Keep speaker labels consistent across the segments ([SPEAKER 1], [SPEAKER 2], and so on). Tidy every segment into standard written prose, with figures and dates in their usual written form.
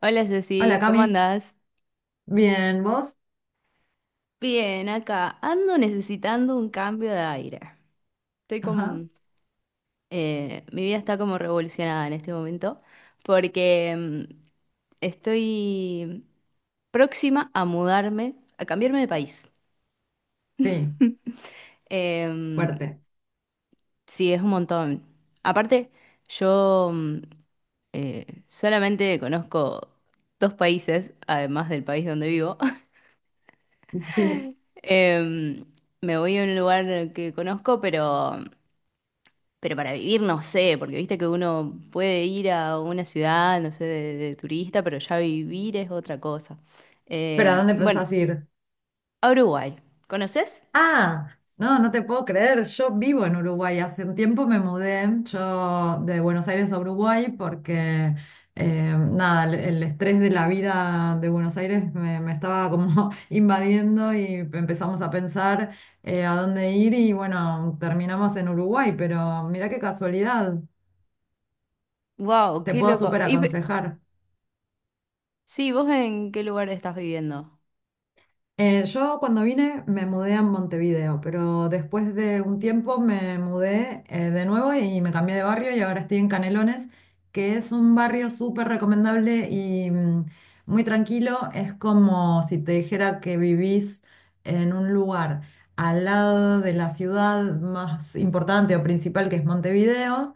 [SPEAKER 1] Hola
[SPEAKER 2] Hola
[SPEAKER 1] Jessy, ¿cómo
[SPEAKER 2] Cami,
[SPEAKER 1] andás?
[SPEAKER 2] bien, ¿vos?
[SPEAKER 1] Bien, acá ando necesitando un cambio de aire. Estoy
[SPEAKER 2] Ajá,
[SPEAKER 1] con... mi vida está como revolucionada en este momento porque estoy próxima a mudarme, a cambiarme de país.
[SPEAKER 2] sí,
[SPEAKER 1] Em,
[SPEAKER 2] fuerte,
[SPEAKER 1] sí, es un montón. Aparte, yo mm, solamente conozco dos países, además del país donde vivo.
[SPEAKER 2] sí,
[SPEAKER 1] Em, Me voy a un lugar que conozco, pero... Pero para vivir no sé, porque viste que uno puede ir a una ciudad, no sé, de turista, pero ya vivir es otra cosa.
[SPEAKER 2] pero ¿a dónde
[SPEAKER 1] Bueno,
[SPEAKER 2] pensás ir?
[SPEAKER 1] a Uruguay. ¿Conoces?
[SPEAKER 2] Ah, no, no te puedo creer, yo vivo en Uruguay, hace un tiempo me mudé yo de Buenos Aires a Uruguay porque, nada, el estrés de la vida de Buenos Aires me estaba como invadiendo y empezamos a pensar a dónde ir y bueno, terminamos en Uruguay, pero mirá qué casualidad,
[SPEAKER 1] Wow,
[SPEAKER 2] te
[SPEAKER 1] qué
[SPEAKER 2] puedo
[SPEAKER 1] loco.
[SPEAKER 2] súper aconsejar.
[SPEAKER 1] Sí, ¿vos en qué lugar estás viviendo?
[SPEAKER 2] Yo cuando vine me mudé a Montevideo, pero después de un tiempo me mudé de nuevo y me cambié de barrio y ahora estoy en Canelones, que es un barrio súper recomendable y muy tranquilo. Es como si te dijera que vivís en un lugar al lado de la ciudad más importante o principal que es Montevideo,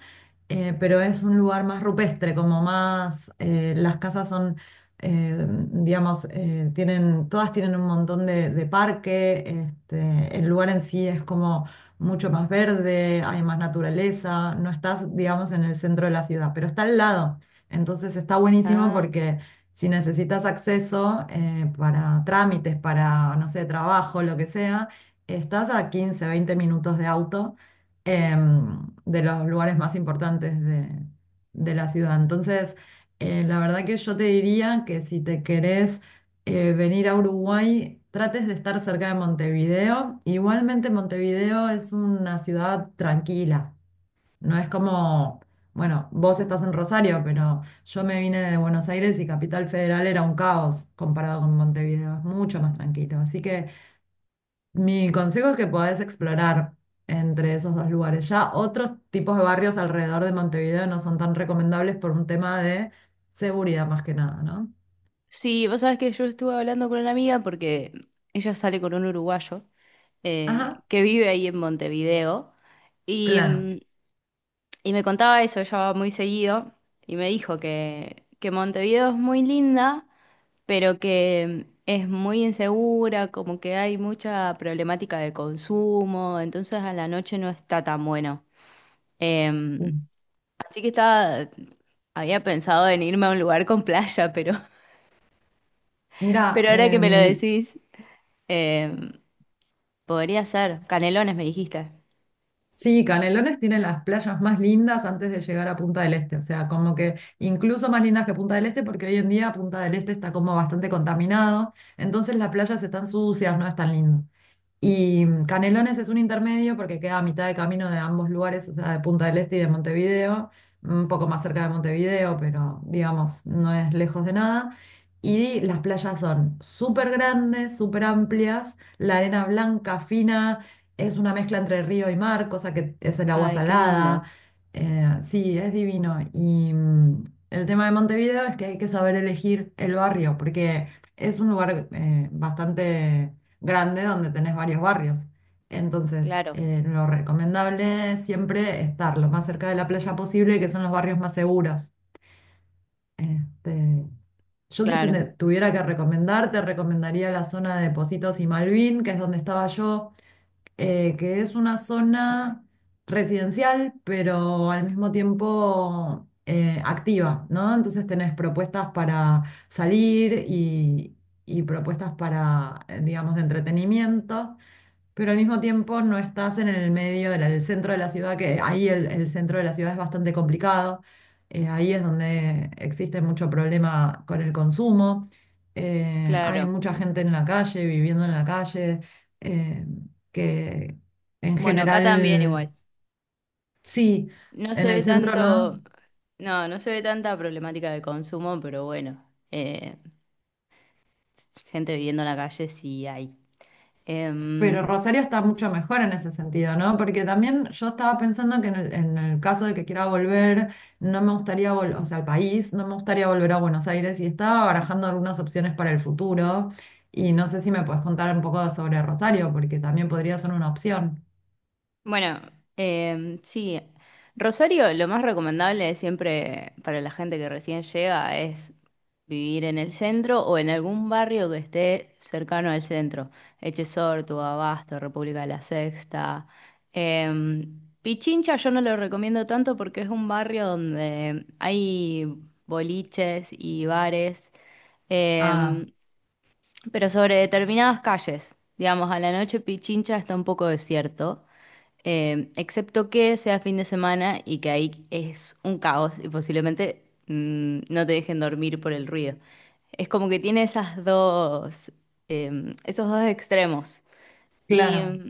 [SPEAKER 2] pero es un lugar más rupestre, como más, las casas son digamos, todas tienen un montón de parque, este, el lugar en sí es como mucho más verde, hay más naturaleza, no estás, digamos, en el centro de la ciudad, pero está al lado. Entonces está buenísimo
[SPEAKER 1] Ah,
[SPEAKER 2] porque si necesitas acceso para trámites, para, no sé, trabajo, lo que sea, estás a 15 20 minutos de auto de los lugares más importantes de la ciudad. Entonces, la verdad que yo te diría que si te querés venir a Uruguay, trates de estar cerca de Montevideo. Igualmente Montevideo es una ciudad tranquila. No es como, bueno, vos estás en Rosario, pero yo me vine de Buenos Aires y Capital Federal era un caos comparado con Montevideo. Es mucho más tranquilo. Así que mi consejo es que podés explorar entre esos dos lugares. Ya otros tipos de barrios alrededor de Montevideo no son tan recomendables por un tema de seguridad más que nada, ¿no?
[SPEAKER 1] sí, vos sabés que yo estuve hablando con una amiga porque ella sale con un uruguayo
[SPEAKER 2] Ajá,
[SPEAKER 1] que vive ahí en Montevideo y,
[SPEAKER 2] claro.
[SPEAKER 1] mm, y me contaba eso, ella va muy seguido y me dijo que Montevideo es muy linda pero que es muy insegura, como que hay mucha problemática de consumo, entonces a la noche no está tan bueno. Eh, Así que había pensado en irme a un lugar con playa, pero,
[SPEAKER 2] Mira,
[SPEAKER 1] pero ahora que me lo decís, eh, podría ser. Canelones, me dijiste.
[SPEAKER 2] sí, Canelones tiene las playas más lindas antes de llegar a Punta del Este, o sea, como que incluso más lindas que Punta del Este porque hoy en día Punta del Este está como bastante contaminado, entonces las playas están sucias, no es tan lindo. Y Canelones es un intermedio porque queda a mitad de camino de ambos lugares, o sea, de Punta del Este y de Montevideo, un poco más cerca de Montevideo, pero digamos, no es lejos de nada. Y las playas son súper grandes, súper amplias, la arena blanca, fina, es una mezcla entre río y mar, cosa que es el agua
[SPEAKER 1] Ay, qué
[SPEAKER 2] salada.
[SPEAKER 1] lindo.
[SPEAKER 2] Sí, es divino. Y el tema de Montevideo es que hay que saber elegir el barrio, porque es un lugar bastante grande donde tenés varios barrios. Entonces,
[SPEAKER 1] Claro,
[SPEAKER 2] lo recomendable es siempre estar lo más cerca de la playa posible, que son los barrios más seguros. Este, yo si
[SPEAKER 1] claro,
[SPEAKER 2] tuviera que recomendar, te recomendaría la zona de Positos y Malvin, que es donde estaba yo, que es una zona residencial, pero al mismo tiempo activa, ¿no? Entonces tenés propuestas para salir y propuestas para, digamos, de entretenimiento. Pero al mismo tiempo no estás en el medio, del el centro de la ciudad, que ahí el centro de la ciudad es bastante complicado. Ahí es donde existe mucho problema con el consumo. Hay
[SPEAKER 1] claro.
[SPEAKER 2] mucha gente en la calle, viviendo en la calle, eh, que en
[SPEAKER 1] Bueno, acá también
[SPEAKER 2] general,
[SPEAKER 1] igual.
[SPEAKER 2] sí,
[SPEAKER 1] No se
[SPEAKER 2] en
[SPEAKER 1] ve
[SPEAKER 2] el centro no.
[SPEAKER 1] tanto, no, no se ve tanta problemática de consumo, pero bueno, eh, gente viviendo en la calle sí hay.
[SPEAKER 2] Pero
[SPEAKER 1] Em,
[SPEAKER 2] Rosario está mucho mejor en ese sentido, ¿no? Porque también yo estaba pensando que en el caso de que quiera volver, no me gustaría volver, o sea, al país, no me gustaría volver a Buenos Aires y estaba barajando algunas opciones para el futuro y no sé si me puedes contar un poco sobre Rosario, porque también podría ser una opción.
[SPEAKER 1] bueno, sí. Rosario, lo más recomendable siempre para la gente que recién llega es vivir en el centro o en algún barrio que esté cercano al centro. Echesortu, Abasto, República de la Sexta. Pichincha yo no lo recomiendo tanto porque es un barrio donde hay boliches y bares.
[SPEAKER 2] Ah,
[SPEAKER 1] Em, pero sobre determinadas calles. Digamos, a la noche Pichincha está un poco desierto, excepto que sea fin de semana y que ahí es un caos y posiblemente no te dejen dormir por el ruido. Es como que tiene esas dos, esos dos extremos. Y,
[SPEAKER 2] claro.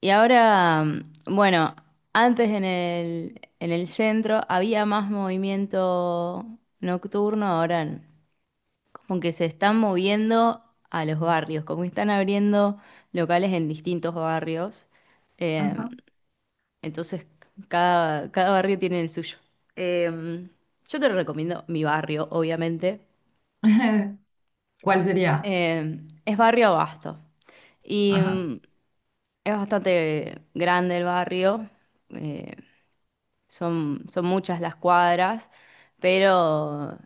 [SPEAKER 1] y ahora, bueno, antes en el centro había más movimiento nocturno, ahora como que se están moviendo a los barrios, como que están abriendo locales en distintos barrios. Eh,
[SPEAKER 2] Ajá.
[SPEAKER 1] entonces, cada barrio tiene el suyo. Eh, yo te recomiendo mi barrio, obviamente.
[SPEAKER 2] ¿Cuál sería?
[SPEAKER 1] Es barrio Abasto. Y
[SPEAKER 2] Ajá.
[SPEAKER 1] mm, es bastante grande el barrio. Eh, son muchas las cuadras, pero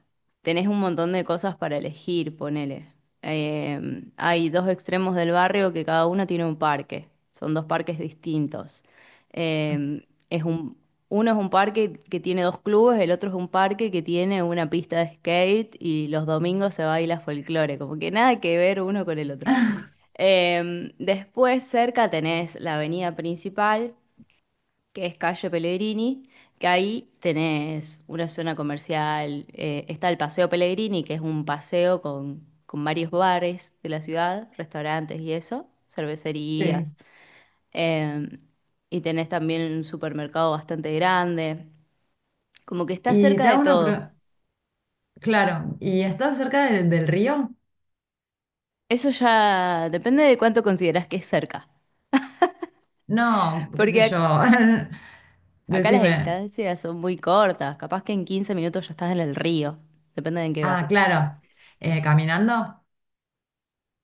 [SPEAKER 1] tenés un montón de cosas para elegir, ponele. Eh, Hay dos extremos del barrio que cada uno tiene un parque. Son dos parques distintos. Eh, es un, Uno es un parque que tiene dos clubes, el otro es un parque que tiene una pista de skate y los domingos se baila folclore, como que nada que ver uno con el otro. Después cerca tenés la avenida principal que es calle Pellegrini, que ahí tenés una zona comercial, está el Paseo Pellegrini, que es un paseo con varios bares de la ciudad, restaurantes y eso,
[SPEAKER 2] Sí.
[SPEAKER 1] cervecerías, eh, y tenés también un supermercado bastante grande, como que está
[SPEAKER 2] Y
[SPEAKER 1] cerca
[SPEAKER 2] te
[SPEAKER 1] de
[SPEAKER 2] hago una
[SPEAKER 1] todo.
[SPEAKER 2] pregunta. Claro, ¿y estás cerca del río?
[SPEAKER 1] Eso ya depende de cuánto considerás que es cerca,
[SPEAKER 2] No, qué
[SPEAKER 1] porque
[SPEAKER 2] sé yo.
[SPEAKER 1] acá las
[SPEAKER 2] Decime.
[SPEAKER 1] distancias son muy cortas, capaz que en 15 minutos ya estás en el río, depende de en qué vas.
[SPEAKER 2] Ah, claro. ¿Caminando?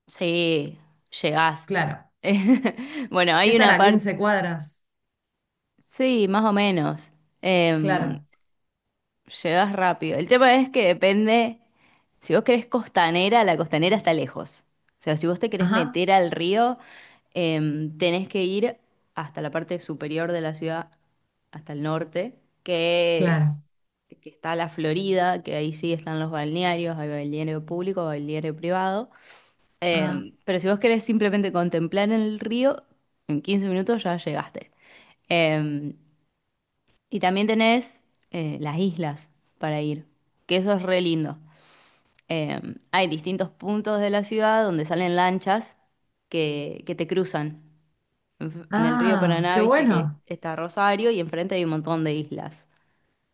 [SPEAKER 1] Sí, llegás.
[SPEAKER 2] Claro.
[SPEAKER 1] Bueno,
[SPEAKER 2] ¿Qué
[SPEAKER 1] hay una
[SPEAKER 2] estará?
[SPEAKER 1] parte,
[SPEAKER 2] ¿15 cuadras?
[SPEAKER 1] sí, más o menos. Em,
[SPEAKER 2] Claro.
[SPEAKER 1] Llegás rápido. El tema es que depende, si vos querés costanera, la costanera está lejos. O sea, si vos te querés
[SPEAKER 2] Ajá,
[SPEAKER 1] meter al río, tenés que ir hasta la parte superior de la ciudad, hasta el norte,
[SPEAKER 2] claro.
[SPEAKER 1] que está la Florida, que ahí sí están los balnearios, hay balneario público, balneario privado.
[SPEAKER 2] Ah,
[SPEAKER 1] Pero si vos querés simplemente contemplar el río, en 15 minutos ya llegaste. Eh, y también tenés las islas para ir, que eso es re lindo. Eh, Hay distintos puntos de la ciudad donde salen lanchas que te cruzan. En el río
[SPEAKER 2] ah,
[SPEAKER 1] Paraná,
[SPEAKER 2] qué
[SPEAKER 1] viste que
[SPEAKER 2] bueno.
[SPEAKER 1] está Rosario y enfrente hay un montón de islas.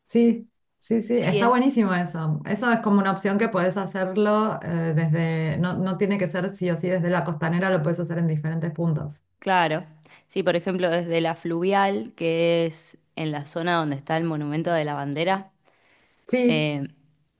[SPEAKER 2] Sí, sí, sí.
[SPEAKER 1] Sí,
[SPEAKER 2] Está
[SPEAKER 1] es,
[SPEAKER 2] buenísimo eso. Eso es como una opción que puedes hacerlo desde, no, no tiene que ser sí o sí desde la costanera, lo puedes hacer en diferentes puntos.
[SPEAKER 1] claro. Sí, por ejemplo, desde la fluvial, que es en la zona donde está el Monumento de la Bandera.
[SPEAKER 2] Sí,
[SPEAKER 1] Eh,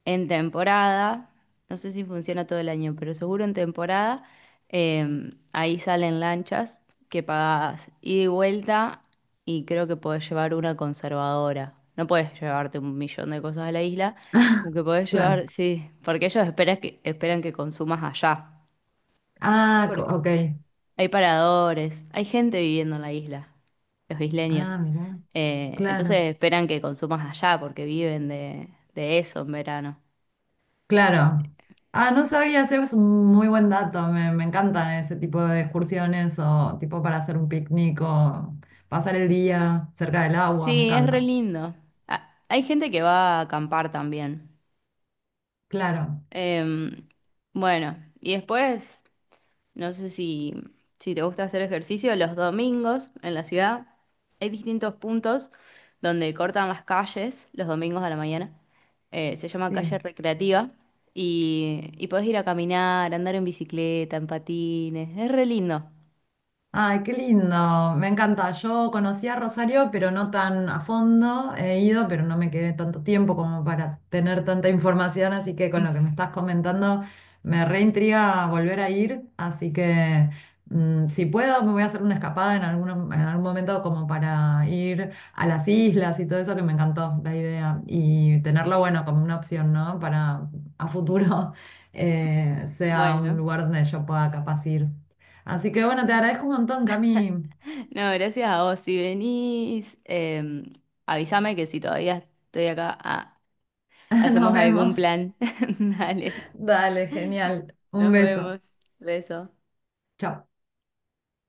[SPEAKER 1] en temporada, no sé si funciona todo el año, pero seguro en temporada, ahí salen lanchas que pagas ida y vuelta y creo que podés llevar una conservadora. No podés llevarte un millón de cosas a la isla, como que podés
[SPEAKER 2] claro.
[SPEAKER 1] llevar, sí, porque ellos esperan esperan que consumas allá.
[SPEAKER 2] Ah,
[SPEAKER 1] Porque
[SPEAKER 2] ok.
[SPEAKER 1] hay paradores, hay gente viviendo en la isla, los
[SPEAKER 2] Ah,
[SPEAKER 1] isleños.
[SPEAKER 2] mira,
[SPEAKER 1] Entonces
[SPEAKER 2] claro.
[SPEAKER 1] esperan que consumas allá porque viven de eso en verano.
[SPEAKER 2] Claro. Ah, no sabía, ese es un muy buen dato. Me encantan ese tipo de excursiones o tipo para hacer un picnic o pasar el día cerca del agua, me
[SPEAKER 1] Sí, es re
[SPEAKER 2] encanta.
[SPEAKER 1] lindo. Ah, hay gente que va a acampar también.
[SPEAKER 2] Claro,
[SPEAKER 1] Em, bueno, y después, no sé si, si te gusta hacer ejercicio, los domingos en la ciudad hay distintos puntos donde cortan las calles los domingos a la mañana. Se llama calle
[SPEAKER 2] sí.
[SPEAKER 1] recreativa y podés ir a caminar, andar en bicicleta, en patines. Es re lindo.
[SPEAKER 2] Ay, qué lindo, me encanta. Yo conocí a Rosario, pero no tan a fondo. He ido, pero no me quedé tanto tiempo como para tener tanta información, así que con lo que me estás comentando me reintriga volver a ir, así que si puedo me voy a hacer una escapada en algún momento como para ir a las islas y todo eso que me encantó la idea y tenerlo, bueno, como una opción, ¿no? Para a futuro sea un
[SPEAKER 1] Bueno.
[SPEAKER 2] lugar donde yo pueda capaz ir. Así que bueno, te agradezco un montón, Cami.
[SPEAKER 1] No, gracias a vos. Si venís, avísame que si todavía estoy acá, ah,
[SPEAKER 2] Nos
[SPEAKER 1] hacemos
[SPEAKER 2] vemos.
[SPEAKER 1] algún plan. Dale,
[SPEAKER 2] Dale, genial. Un
[SPEAKER 1] nos
[SPEAKER 2] beso.
[SPEAKER 1] vemos. Beso.
[SPEAKER 2] Chao.